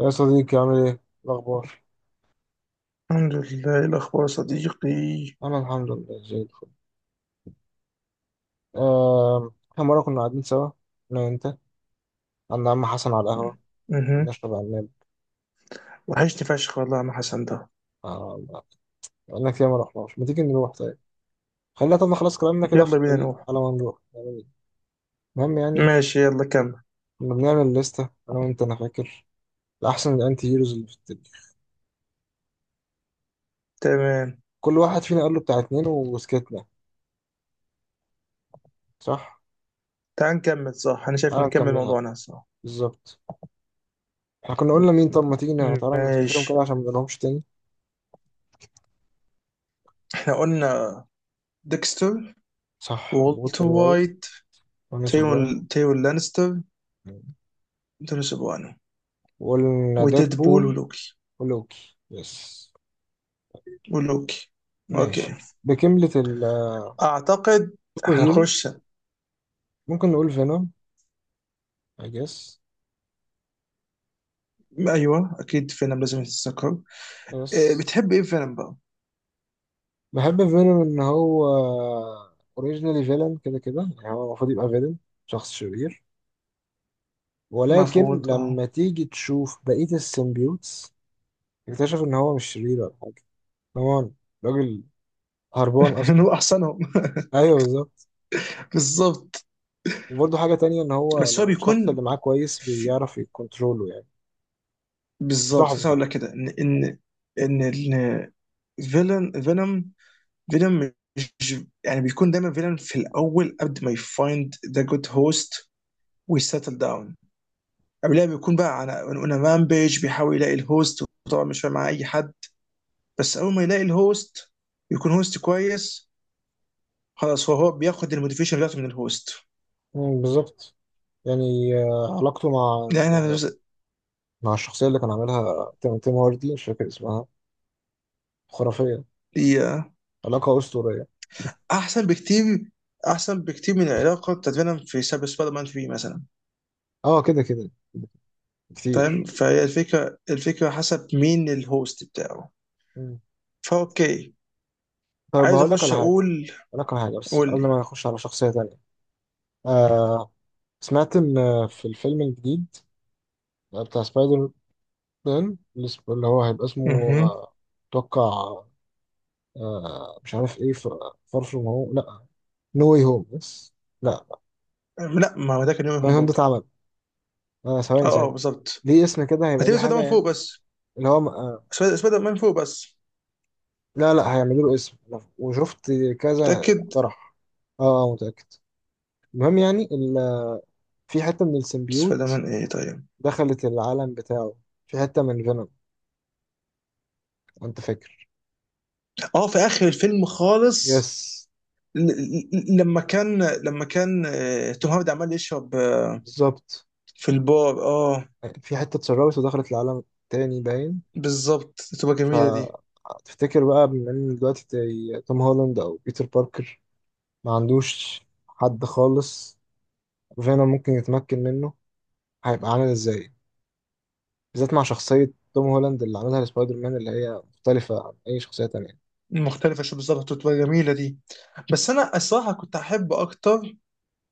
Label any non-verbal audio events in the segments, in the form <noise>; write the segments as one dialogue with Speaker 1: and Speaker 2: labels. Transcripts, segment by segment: Speaker 1: يا صديقي عامل ايه؟ الأخبار؟
Speaker 2: الحمد لله، إيه الأخبار يا صديقي؟
Speaker 1: أنا الحمد لله زي الفل. إحنا مرة كنا قاعدين سوا أنا وأنت عند عم حسن على القهوة
Speaker 2: مهم.
Speaker 1: نشرب عناب.
Speaker 2: وحشني فشخ والله يا عم حسن ده.
Speaker 1: آه، بقالنا كتير ما رحناش، ما تيجي نروح طيب؟ خلينا طب نخلص كلامنا كده في
Speaker 2: يلا بينا
Speaker 1: الطريق
Speaker 2: نروح.
Speaker 1: على ما نروح، يعني المهم يعني
Speaker 2: ماشي يلا كمل.
Speaker 1: كنا بنعمل لستة أنا وأنت، أنا فاكر لأحسن الأنتي هيروز اللي في التاريخ،
Speaker 2: تمام.
Speaker 1: كل واحد فينا قال له بتاع اتنين وسكتنا، صح؟
Speaker 2: تعال نكمل، صح؟ أنا شايف
Speaker 1: تعالى
Speaker 2: نكمل
Speaker 1: نكملها بقى.
Speaker 2: موضوعنا صح.
Speaker 1: بالظبط، إحنا كنا
Speaker 2: م-
Speaker 1: قلنا مين، طب ما تيجي تعالى نفتكرهم
Speaker 2: ماشي.
Speaker 1: كده عشان ما نقولهمش تاني.
Speaker 2: احنا قلنا ديكستر،
Speaker 1: صح،
Speaker 2: وولتر
Speaker 1: وولتر وايت،
Speaker 2: وايت،
Speaker 1: رامي سوبرانو.
Speaker 2: تيون لانستر، دون سوبرانو،
Speaker 1: وقلنا
Speaker 2: وديد بول
Speaker 1: بول
Speaker 2: ولوكي.
Speaker 1: ولوكي، يس.
Speaker 2: ولوكي.
Speaker 1: ماشي،
Speaker 2: اوكي.
Speaker 1: بكملة السوبر
Speaker 2: اعتقد
Speaker 1: هيروز.
Speaker 2: هنخش.
Speaker 1: ممكن نقول فينوم، I guess.
Speaker 2: ايوه اكيد فينم لازم يتذكر.
Speaker 1: يس.
Speaker 2: إيه، بتحب ايه فينم بقى؟
Speaker 1: بحب فينوم إن هو اوريجينالي فيلن كده كده، يعني هو المفروض يبقى فيلن، شخص شرير، ولكن
Speaker 2: المفروض اه.
Speaker 1: لما تيجي تشوف بقية السيمبيوتس اكتشف إن هو مش شرير ولا حاجة. كمان راجل هربان
Speaker 2: <laughs>
Speaker 1: أصلا.
Speaker 2: هو احسنهم <laughs>
Speaker 1: أيوه، بالظبط.
Speaker 2: بالظبط.
Speaker 1: وبرضه حاجة تانية إن هو
Speaker 2: بس هو
Speaker 1: لو الشخص
Speaker 2: بيكون
Speaker 1: اللي معاه كويس
Speaker 2: في-
Speaker 1: بيعرف يكونترولو، يعني
Speaker 2: بالظبط
Speaker 1: صاحبه
Speaker 2: كنت هقول
Speaker 1: طبعا.
Speaker 2: لك كده ان ان ال- فيلن فينوم. فينوم مش يعني بيكون دايما فيلن في الاول قبل ما يفايند ذا جود هوست ويسيتل داون. قبلها بيكون بقى على اون رامبيج بيحاول يلاقي الهوست، وطبعا مش فاهم مع اي حد. بس اول ما يلاقي الهوست يكون هوست كويس، خلاص. هو بياخد الموتيفيشن بتاعته من الهوست
Speaker 1: مم، بالظبط. يعني علاقته مع
Speaker 2: يعني.
Speaker 1: الشخصية اللي كان عاملها تيم هاردي، مش فاكر اسمها، خرافية، علاقة أسطورية.
Speaker 2: احسن بكتير. احسن بكتير من العلاقه بتاعت فينوم في سبايدر مان 3 مثلا.
Speaker 1: اه كده كده
Speaker 2: فاهم؟
Speaker 1: كتير.
Speaker 2: فهي الفكره حسب مين الهوست بتاعه.
Speaker 1: مم.
Speaker 2: فاوكي،
Speaker 1: طيب
Speaker 2: عايز
Speaker 1: هقول لك
Speaker 2: اخش
Speaker 1: على حاجة،
Speaker 2: اقول.
Speaker 1: بس
Speaker 2: قول
Speaker 1: قبل
Speaker 2: لي.
Speaker 1: ما نخش على شخصية تانية. آه سمعت إن في الفيلم الجديد بتاع سبايدر مان اللي هو هيبقى اسمه
Speaker 2: مهم.
Speaker 1: آه، أتوقع مش عارف إيه، فار فروم هوم؟ لأ، نو واي هوم. بس لأ،
Speaker 2: لا، ما هو ده كان يوم
Speaker 1: نو واي
Speaker 2: هوم
Speaker 1: هوم ده
Speaker 2: برضه.
Speaker 1: اتعمل. ثواني
Speaker 2: اه اه
Speaker 1: ثواني،
Speaker 2: بالظبط.
Speaker 1: ليه اسم كده، هيبقى ليه
Speaker 2: هتبقى سبايدر
Speaker 1: حاجة
Speaker 2: مان فوق
Speaker 1: يعني.
Speaker 2: بس.
Speaker 1: اللي هو
Speaker 2: سبايدر مان فوق بس.
Speaker 1: لا لا هيعملوا له اسم، وشفت كذا
Speaker 2: متاكد؟
Speaker 1: مقترح. اه متأكد. المهم يعني في حتة من
Speaker 2: سبايدر
Speaker 1: السيمبيوت
Speaker 2: مان ايه طيب؟
Speaker 1: دخلت العالم بتاعه، في حتة من فينوم، انت فاكر؟
Speaker 2: اه في اخر الفيلم
Speaker 1: يس.
Speaker 2: خالص. لما كان توم هاردي عمال يشرب،
Speaker 1: بالظبط.
Speaker 2: في البار اه.
Speaker 1: في حتة اتسربت ودخلت العالم تاني، باين.
Speaker 2: بالظبط، تبقى جميله دي.
Speaker 1: فتفتكر بقى، بما ان دلوقتي زي توم هولاند او بيتر باركر ما عندوش حد خالص، فينوم ممكن يتمكن منه، هيبقى عامل ازاي؟ بالذات مع شخصية توم هولاند اللي عملها لسبايدر مان اللي هي مختلفة عن أي شخصية تانية.
Speaker 2: مختلفة شو بالظبط، وتبقى جميلة دي. بس أنا الصراحة كنت أحب أكتر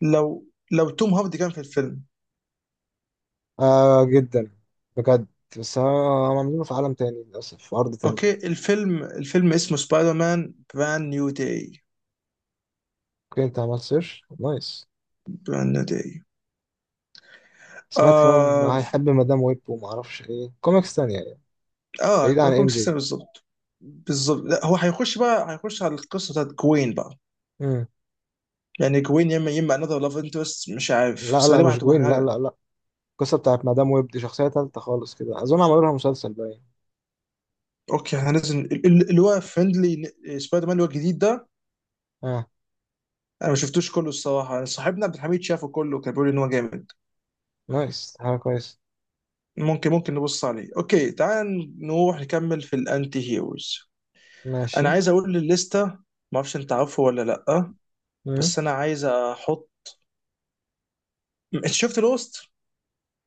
Speaker 2: لو لو توم هاردي كان في الفيلم.
Speaker 1: آه جدا، بجد. بس أنا عاملينه في عالم تاني للاسف، في ارض
Speaker 2: أوكي،
Speaker 1: تانية.
Speaker 2: الفيلم اسمه سبايدر مان براند نيو داي.
Speaker 1: اوكي، انت عملت سيرش، نايس.
Speaker 2: براند نيو داي.
Speaker 1: سمعت كمان بقى
Speaker 2: آه.
Speaker 1: هيحب مدام ويب وما اعرفش ايه كوميكس تانية يعني،
Speaker 2: آه،
Speaker 1: بعيد
Speaker 2: يبقى
Speaker 1: عن
Speaker 2: كون
Speaker 1: ام
Speaker 2: سيستم
Speaker 1: جي.
Speaker 2: بالظبط. بالظبط، لا هو هيخش بقى، هيخش على القصة بتاعت جوين بقى.
Speaker 1: مم.
Speaker 2: يعني جوين يا إما، يا إما another لاف انترست مش عارف،
Speaker 1: لا
Speaker 2: بس
Speaker 1: لا،
Speaker 2: غالبا
Speaker 1: مش
Speaker 2: هتبقى
Speaker 1: جوين، لا
Speaker 2: حاجة.
Speaker 1: لا لا. القصة بتاعت مدام ويب دي شخصية تالتة خالص كده، أظن عملوا لها مسلسل، باين.
Speaker 2: أوكي، احنا لازم اللي هو فريندلي سبايدر مان، اللي هو الجديد ده.
Speaker 1: اه،
Speaker 2: أنا ما شفتوش كله الصراحة، صاحبنا عبد الحميد شافه كله، كان بيقول إن هو جامد.
Speaker 1: نايس، حاجة كويس.
Speaker 2: ممكن نبص عليه. اوكي، تعال نروح نكمل في الانتي هيروز.
Speaker 1: ماشي.
Speaker 2: انا عايز اقول للستة، ما اعرفش انت عارفه ولا لا،
Speaker 1: مم.
Speaker 2: بس انا عايز احط. انت شفت لوست؟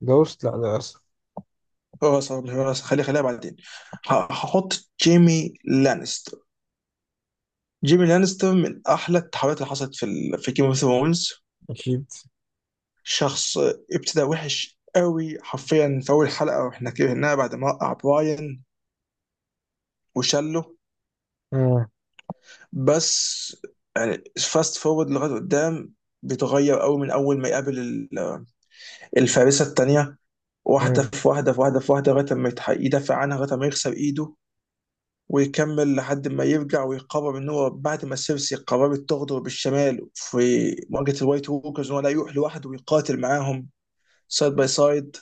Speaker 1: جوست، لا للأسف.
Speaker 2: اه صح. خليها بعدين. هحط جيمي لانستر. جيمي لانستر من احلى التحولات اللي حصلت في جيم اوف ثرونز.
Speaker 1: أكيد.
Speaker 2: شخص ابتدى وحش قوي، حرفيا في اول حلقه، واحنا كرهناه بعد ما وقع براين وشله.
Speaker 1: مم.
Speaker 2: بس يعني فاست فورورد لغايه قدام، بيتغير قوي من اول ما يقابل الفارسه الثانيه، واحده
Speaker 1: مم.
Speaker 2: في واحده في واحده في واحده لغايه ما يدافع عنها لغايه ما يكسر ايده، ويكمل لحد ما يرجع ويقرر ان هو بعد ما سيرسي قررت تغدر بالشمال في مواجهه الوايت ووكرز، هو لا، يروح لوحده ويقاتل معاهم سايد باي سايد،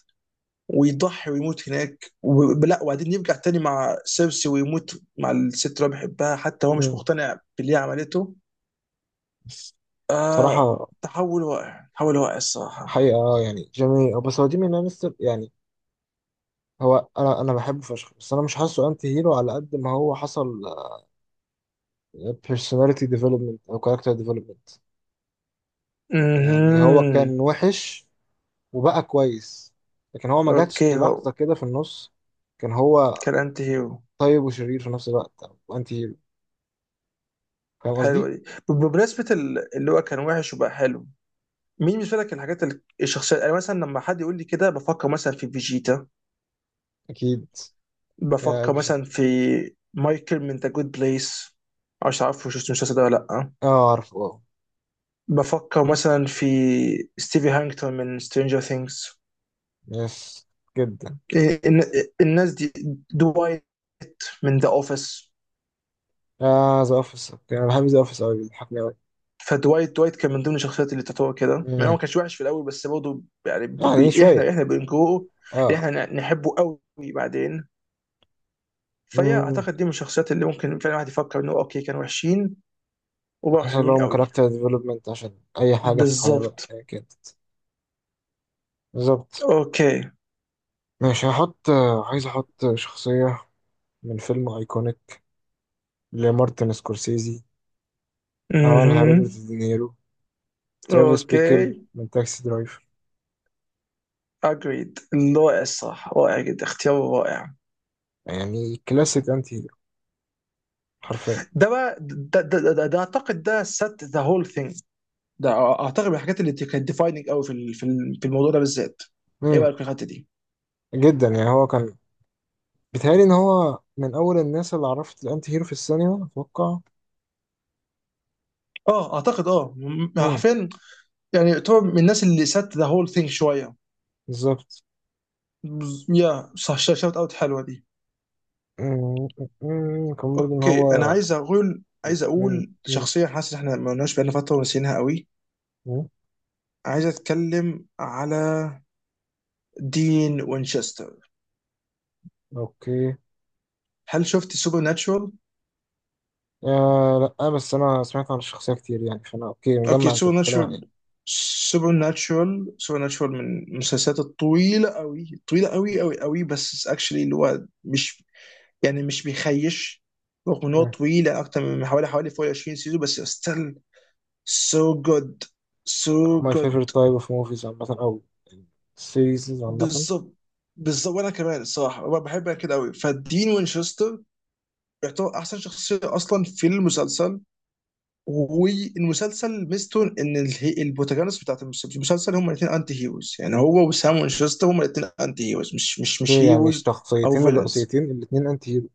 Speaker 2: ويضحي ويموت هناك. و- لا، وبعدين يرجع تاني مع سيرسي ويموت مع الست اللي هو بيحبها، حتى هو مش
Speaker 1: مم.
Speaker 2: مقتنع باللي هي عملته.
Speaker 1: بس
Speaker 2: آه.
Speaker 1: بصراحة،
Speaker 2: تحول واقع الصراحة.
Speaker 1: حقيقة يعني جميل، بس هو جيمي لانستر يعني. هو انا، بحبه فشخ، بس انا مش حاسه انتي هيرو على قد ما هو حصل personality development او character development. يعني هو
Speaker 2: امم.
Speaker 1: كان وحش وبقى كويس، لكن هو ما جاتش
Speaker 2: اوكي
Speaker 1: لحظة
Speaker 2: هو
Speaker 1: كده في النص كان هو
Speaker 2: كان انت هيرو.
Speaker 1: طيب وشرير في نفس الوقت او انتي هيرو، فاهم
Speaker 2: حلوة
Speaker 1: قصدي؟
Speaker 2: دي. بمناسبة اللي هو كان وحش وبقى حلو، مين بالنسبة لك الحاجات الشخصية؟ يعني مثلا لما حد يقول لي كده بفكر مثلا في فيجيتا.
Speaker 1: اكيد. يا
Speaker 2: بفكر
Speaker 1: بشي.
Speaker 2: مثلا في مايكل من ذا جود بليس، مش عارف شفت المسلسل ده ولا لأ.
Speaker 1: اه، عارفه، اه.
Speaker 2: بفكر مثلا في ستيفي هانكتون من سترينجر ثينجز.
Speaker 1: يس، جدا.
Speaker 2: الناس دي. دوايت من ذا اوفيس.
Speaker 1: اه، ذا اوفيس، انا بحب ذا اوفيس قوي، بيضحكني قوي.
Speaker 2: فدوايت. دوايت كان من ضمن الشخصيات اللي تعتبر كده، يعني هو ما كانش وحش في الاول، بس برضه يعني
Speaker 1: يعني شوية،
Speaker 2: احنا بنجوه،
Speaker 1: اه.
Speaker 2: احنا نحبه قوي بعدين. فهي اعتقد دي من الشخصيات اللي ممكن فعلا الواحد يفكر انه اوكي، كانوا وحشين وبقوا
Speaker 1: حصل
Speaker 2: حلوين
Speaker 1: لهم
Speaker 2: قوي.
Speaker 1: كاركتر ديفلوبمنت، عشان أي حاجة في الحياة بقى
Speaker 2: بالظبط.
Speaker 1: هي كده. بالظبط.
Speaker 2: اوكي.
Speaker 1: ماشي، هحط، عايز أحط شخصية من فيلم أيكونيك لمارتن سكورسيزي، عملها
Speaker 2: اها.
Speaker 1: روبرت دينيرو، ترافيس
Speaker 2: اوكي.
Speaker 1: بيكل من تاكسي درايفر.
Speaker 2: اجريد. رائع الصراحه، رائع جدا، اختيار رائع.
Speaker 1: يعني كلاسيك أنتي هيرو، حرفيا.
Speaker 2: ده بقى ده اعتقد ده set the whole thing. ده اعتقد من الحاجات اللي كانت defining قوي في الموضوع ده بالذات. ايه
Speaker 1: مم.
Speaker 2: رايك في الحته دي؟
Speaker 1: جدا. يعني هو كان بيتهيألي إن هو من أول الناس اللي عرفت الأنتي هيرو في السينما، أتوقع.
Speaker 2: اه اعتقد اه،
Speaker 1: مم.
Speaker 2: حرفيا يعني، يعتبر من الناس اللي سات ذا هول ثينج شويه.
Speaker 1: بالظبط.
Speaker 2: يا صح، شوت اوت حلوه دي.
Speaker 1: مم. مم. كان برضه إن
Speaker 2: اوكي، انا
Speaker 1: هو
Speaker 2: عايز
Speaker 1: من
Speaker 2: اقول
Speaker 1: مم.
Speaker 2: شخصيه حاسس إن احنا ما قلناش بقالنا فتره ونسيناها قوي.
Speaker 1: مم.
Speaker 2: عايز اتكلم على دين وينشستر.
Speaker 1: أوكي.
Speaker 2: هل شفت سوبر ناتشورال؟
Speaker 1: آه لا، بس انا سمعت عن الشخصيه كتير يعني، فانا اوكي،
Speaker 2: اوكي،
Speaker 1: مجمع انت
Speaker 2: سوبر
Speaker 1: بتتكلم عن
Speaker 2: ناتشورال.
Speaker 1: ايه.
Speaker 2: سوبر ناتشورال من المسلسلات الطويله قوي، طويله قوي قوي، بس اكشلي اللي هو مش يعني مش بيخيش، رغم ان هو
Speaker 1: مم.
Speaker 2: طويله اكتر من حوالي فوق 20 سيزون، بس ستيل سو جود. سو
Speaker 1: ماي
Speaker 2: جود.
Speaker 1: فيفورت تايب اوف موفيز عامه، او سيريز عامه.
Speaker 2: بالظبط. بالظبط، وانا كمان الصراحه أنا بحبها كده قوي. فدين وينشستر يعتبر احسن شخصيه اصلا في المسلسل، والمسلسل ميزته ان البروتاغونست بتاعت المسلسل هم الاثنين انتي هيروز، يعني هو وسام وينشستر هم الاثنين انتي هيروز، مش
Speaker 1: هي يعني
Speaker 2: هيروز او
Speaker 1: الشخصيتين
Speaker 2: فيلنز.
Speaker 1: الرئيسيتين الاثنين انتي هيرو.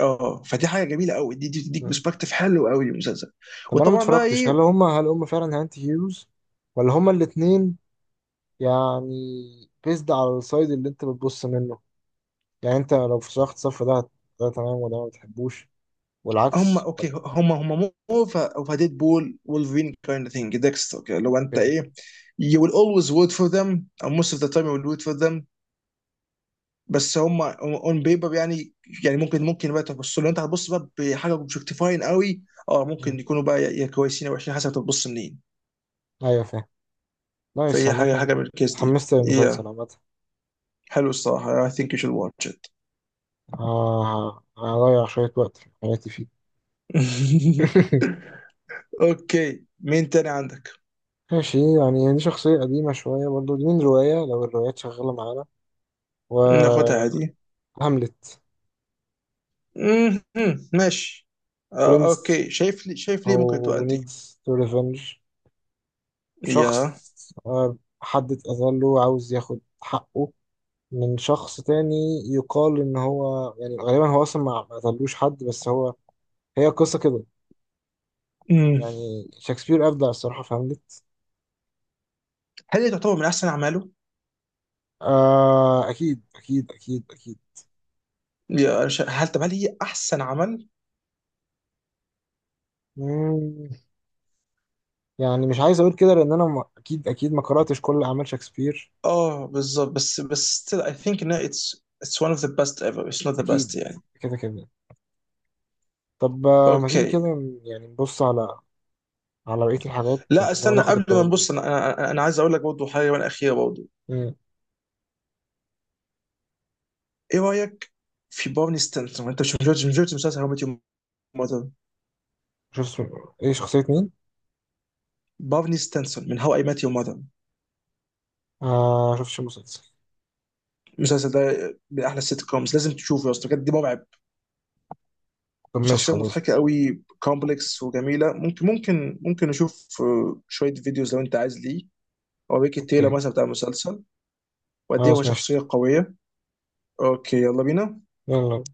Speaker 2: اه فدي حاجه جميله قوي، دي تديك
Speaker 1: مم.
Speaker 2: برسبكتيف حلو قوي للمسلسل.
Speaker 1: طب انا ما
Speaker 2: وطبعا بقى
Speaker 1: اتفرجتش،
Speaker 2: ايه،
Speaker 1: هل هم فعلا انتي هيروز ولا هم الاثنين يعني بيزد على السايد اللي انت بتبص منه؟ يعني انت لو في شخص الصف ده ده تمام، وده ما بتحبوش،
Speaker 2: هم
Speaker 1: والعكس ولا
Speaker 2: اوكي، هم مو اوف ديد بول وولفرين كايند ثينج، ديكستر كده. لو انت
Speaker 1: ايه؟
Speaker 2: ايه، you will always root for them, or most of the time you will root for them. بس هم on paper يعني، يعني ممكن، بقى تبص لو انت هتبص بقى بحاجه اوبجكتيفاين قوي، اه
Speaker 1: مم.
Speaker 2: ممكن يكونوا بقى يا كويسين او وحشين حسب تبص منين.
Speaker 1: ايوه، فاهم. نايس
Speaker 2: فهي
Speaker 1: عامه.
Speaker 2: حاجه من الكيس دي.
Speaker 1: اتحمست للمسلسل
Speaker 2: yeah.
Speaker 1: عامه.
Speaker 2: حلو الصراحه، I think you should watch it.
Speaker 1: آه، هضيع شوية وقت في حياتي فيه.
Speaker 2: <laughs>
Speaker 1: <laughs>
Speaker 2: اوكي مين تاني عندك؟
Speaker 1: ماشي. يعني دي شخصية قديمة شوية برضو، دي من رواية لو الروايات شغالة معانا،
Speaker 2: ناخدها
Speaker 1: وهاملت.
Speaker 2: عادي. مهم. ماشي.
Speaker 1: برنس.
Speaker 2: اوكي، شايف لي، شايف ليه ممكن تبقى
Speaker 1: هو
Speaker 2: انت.
Speaker 1: needs to revenge، شخص
Speaker 2: يا.
Speaker 1: حد اتأذى له، عاوز ياخد حقه من شخص تاني. يقال إن هو يعني غالبا هو أصلا ما قتلوش حد، بس هو، هي قصة كده.
Speaker 2: مم.
Speaker 1: يعني شكسبير أبدع الصراحة في هاملت.
Speaker 2: هل هي تعتبر من احسن اعماله؟
Speaker 1: آه، أكيد أكيد أكيد.
Speaker 2: يا أنا هل طب هل هي احسن عمل؟
Speaker 1: أكيد، يعني مش عايز اقول كده لان انا اكيد اكيد ما قراتش كل اعمال شكسبير.
Speaker 2: اه بالظبط، بس بس still I think ان it's one of the best ever, it's not the
Speaker 1: اكيد،
Speaker 2: best يعني.
Speaker 1: كده كده. طب ما تيجي
Speaker 2: اوكي.
Speaker 1: كده يعني نبص على بقيه الحاجات
Speaker 2: لا
Speaker 1: لما
Speaker 2: استنى
Speaker 1: ناخد
Speaker 2: قبل ما
Speaker 1: القرار ده.
Speaker 2: نبص انا. أنا عايز اقول لك برضه حاجه وانا اخيره برضه.
Speaker 1: امم
Speaker 2: ايه رايك في بارني ستانسون؟ انت مش مسلسل هاو ميت يور ماذر؟
Speaker 1: شوف اسم- ايه شخصيه مين؟
Speaker 2: بارني ستانسون من هاو اي مات يور ماذر.
Speaker 1: آه شوفش المسلسل.
Speaker 2: المسلسل ده من احلى السيت كومز، لازم تشوفه يا اسطى، بجد مرعب.
Speaker 1: طب ماشي،
Speaker 2: شخصية
Speaker 1: خلاص.
Speaker 2: مضحكة قوي، كومبلكس وجميلة. ممكن ممكن نشوف شوية فيديوز لو انت عايز ليه، او ريكي تايلر
Speaker 1: اوكي،
Speaker 2: مثلا بتاع المسلسل، وقد ايه هو
Speaker 1: خلاص، ماشي،
Speaker 2: شخصية قوية. اوكي يلا بينا.
Speaker 1: يلا.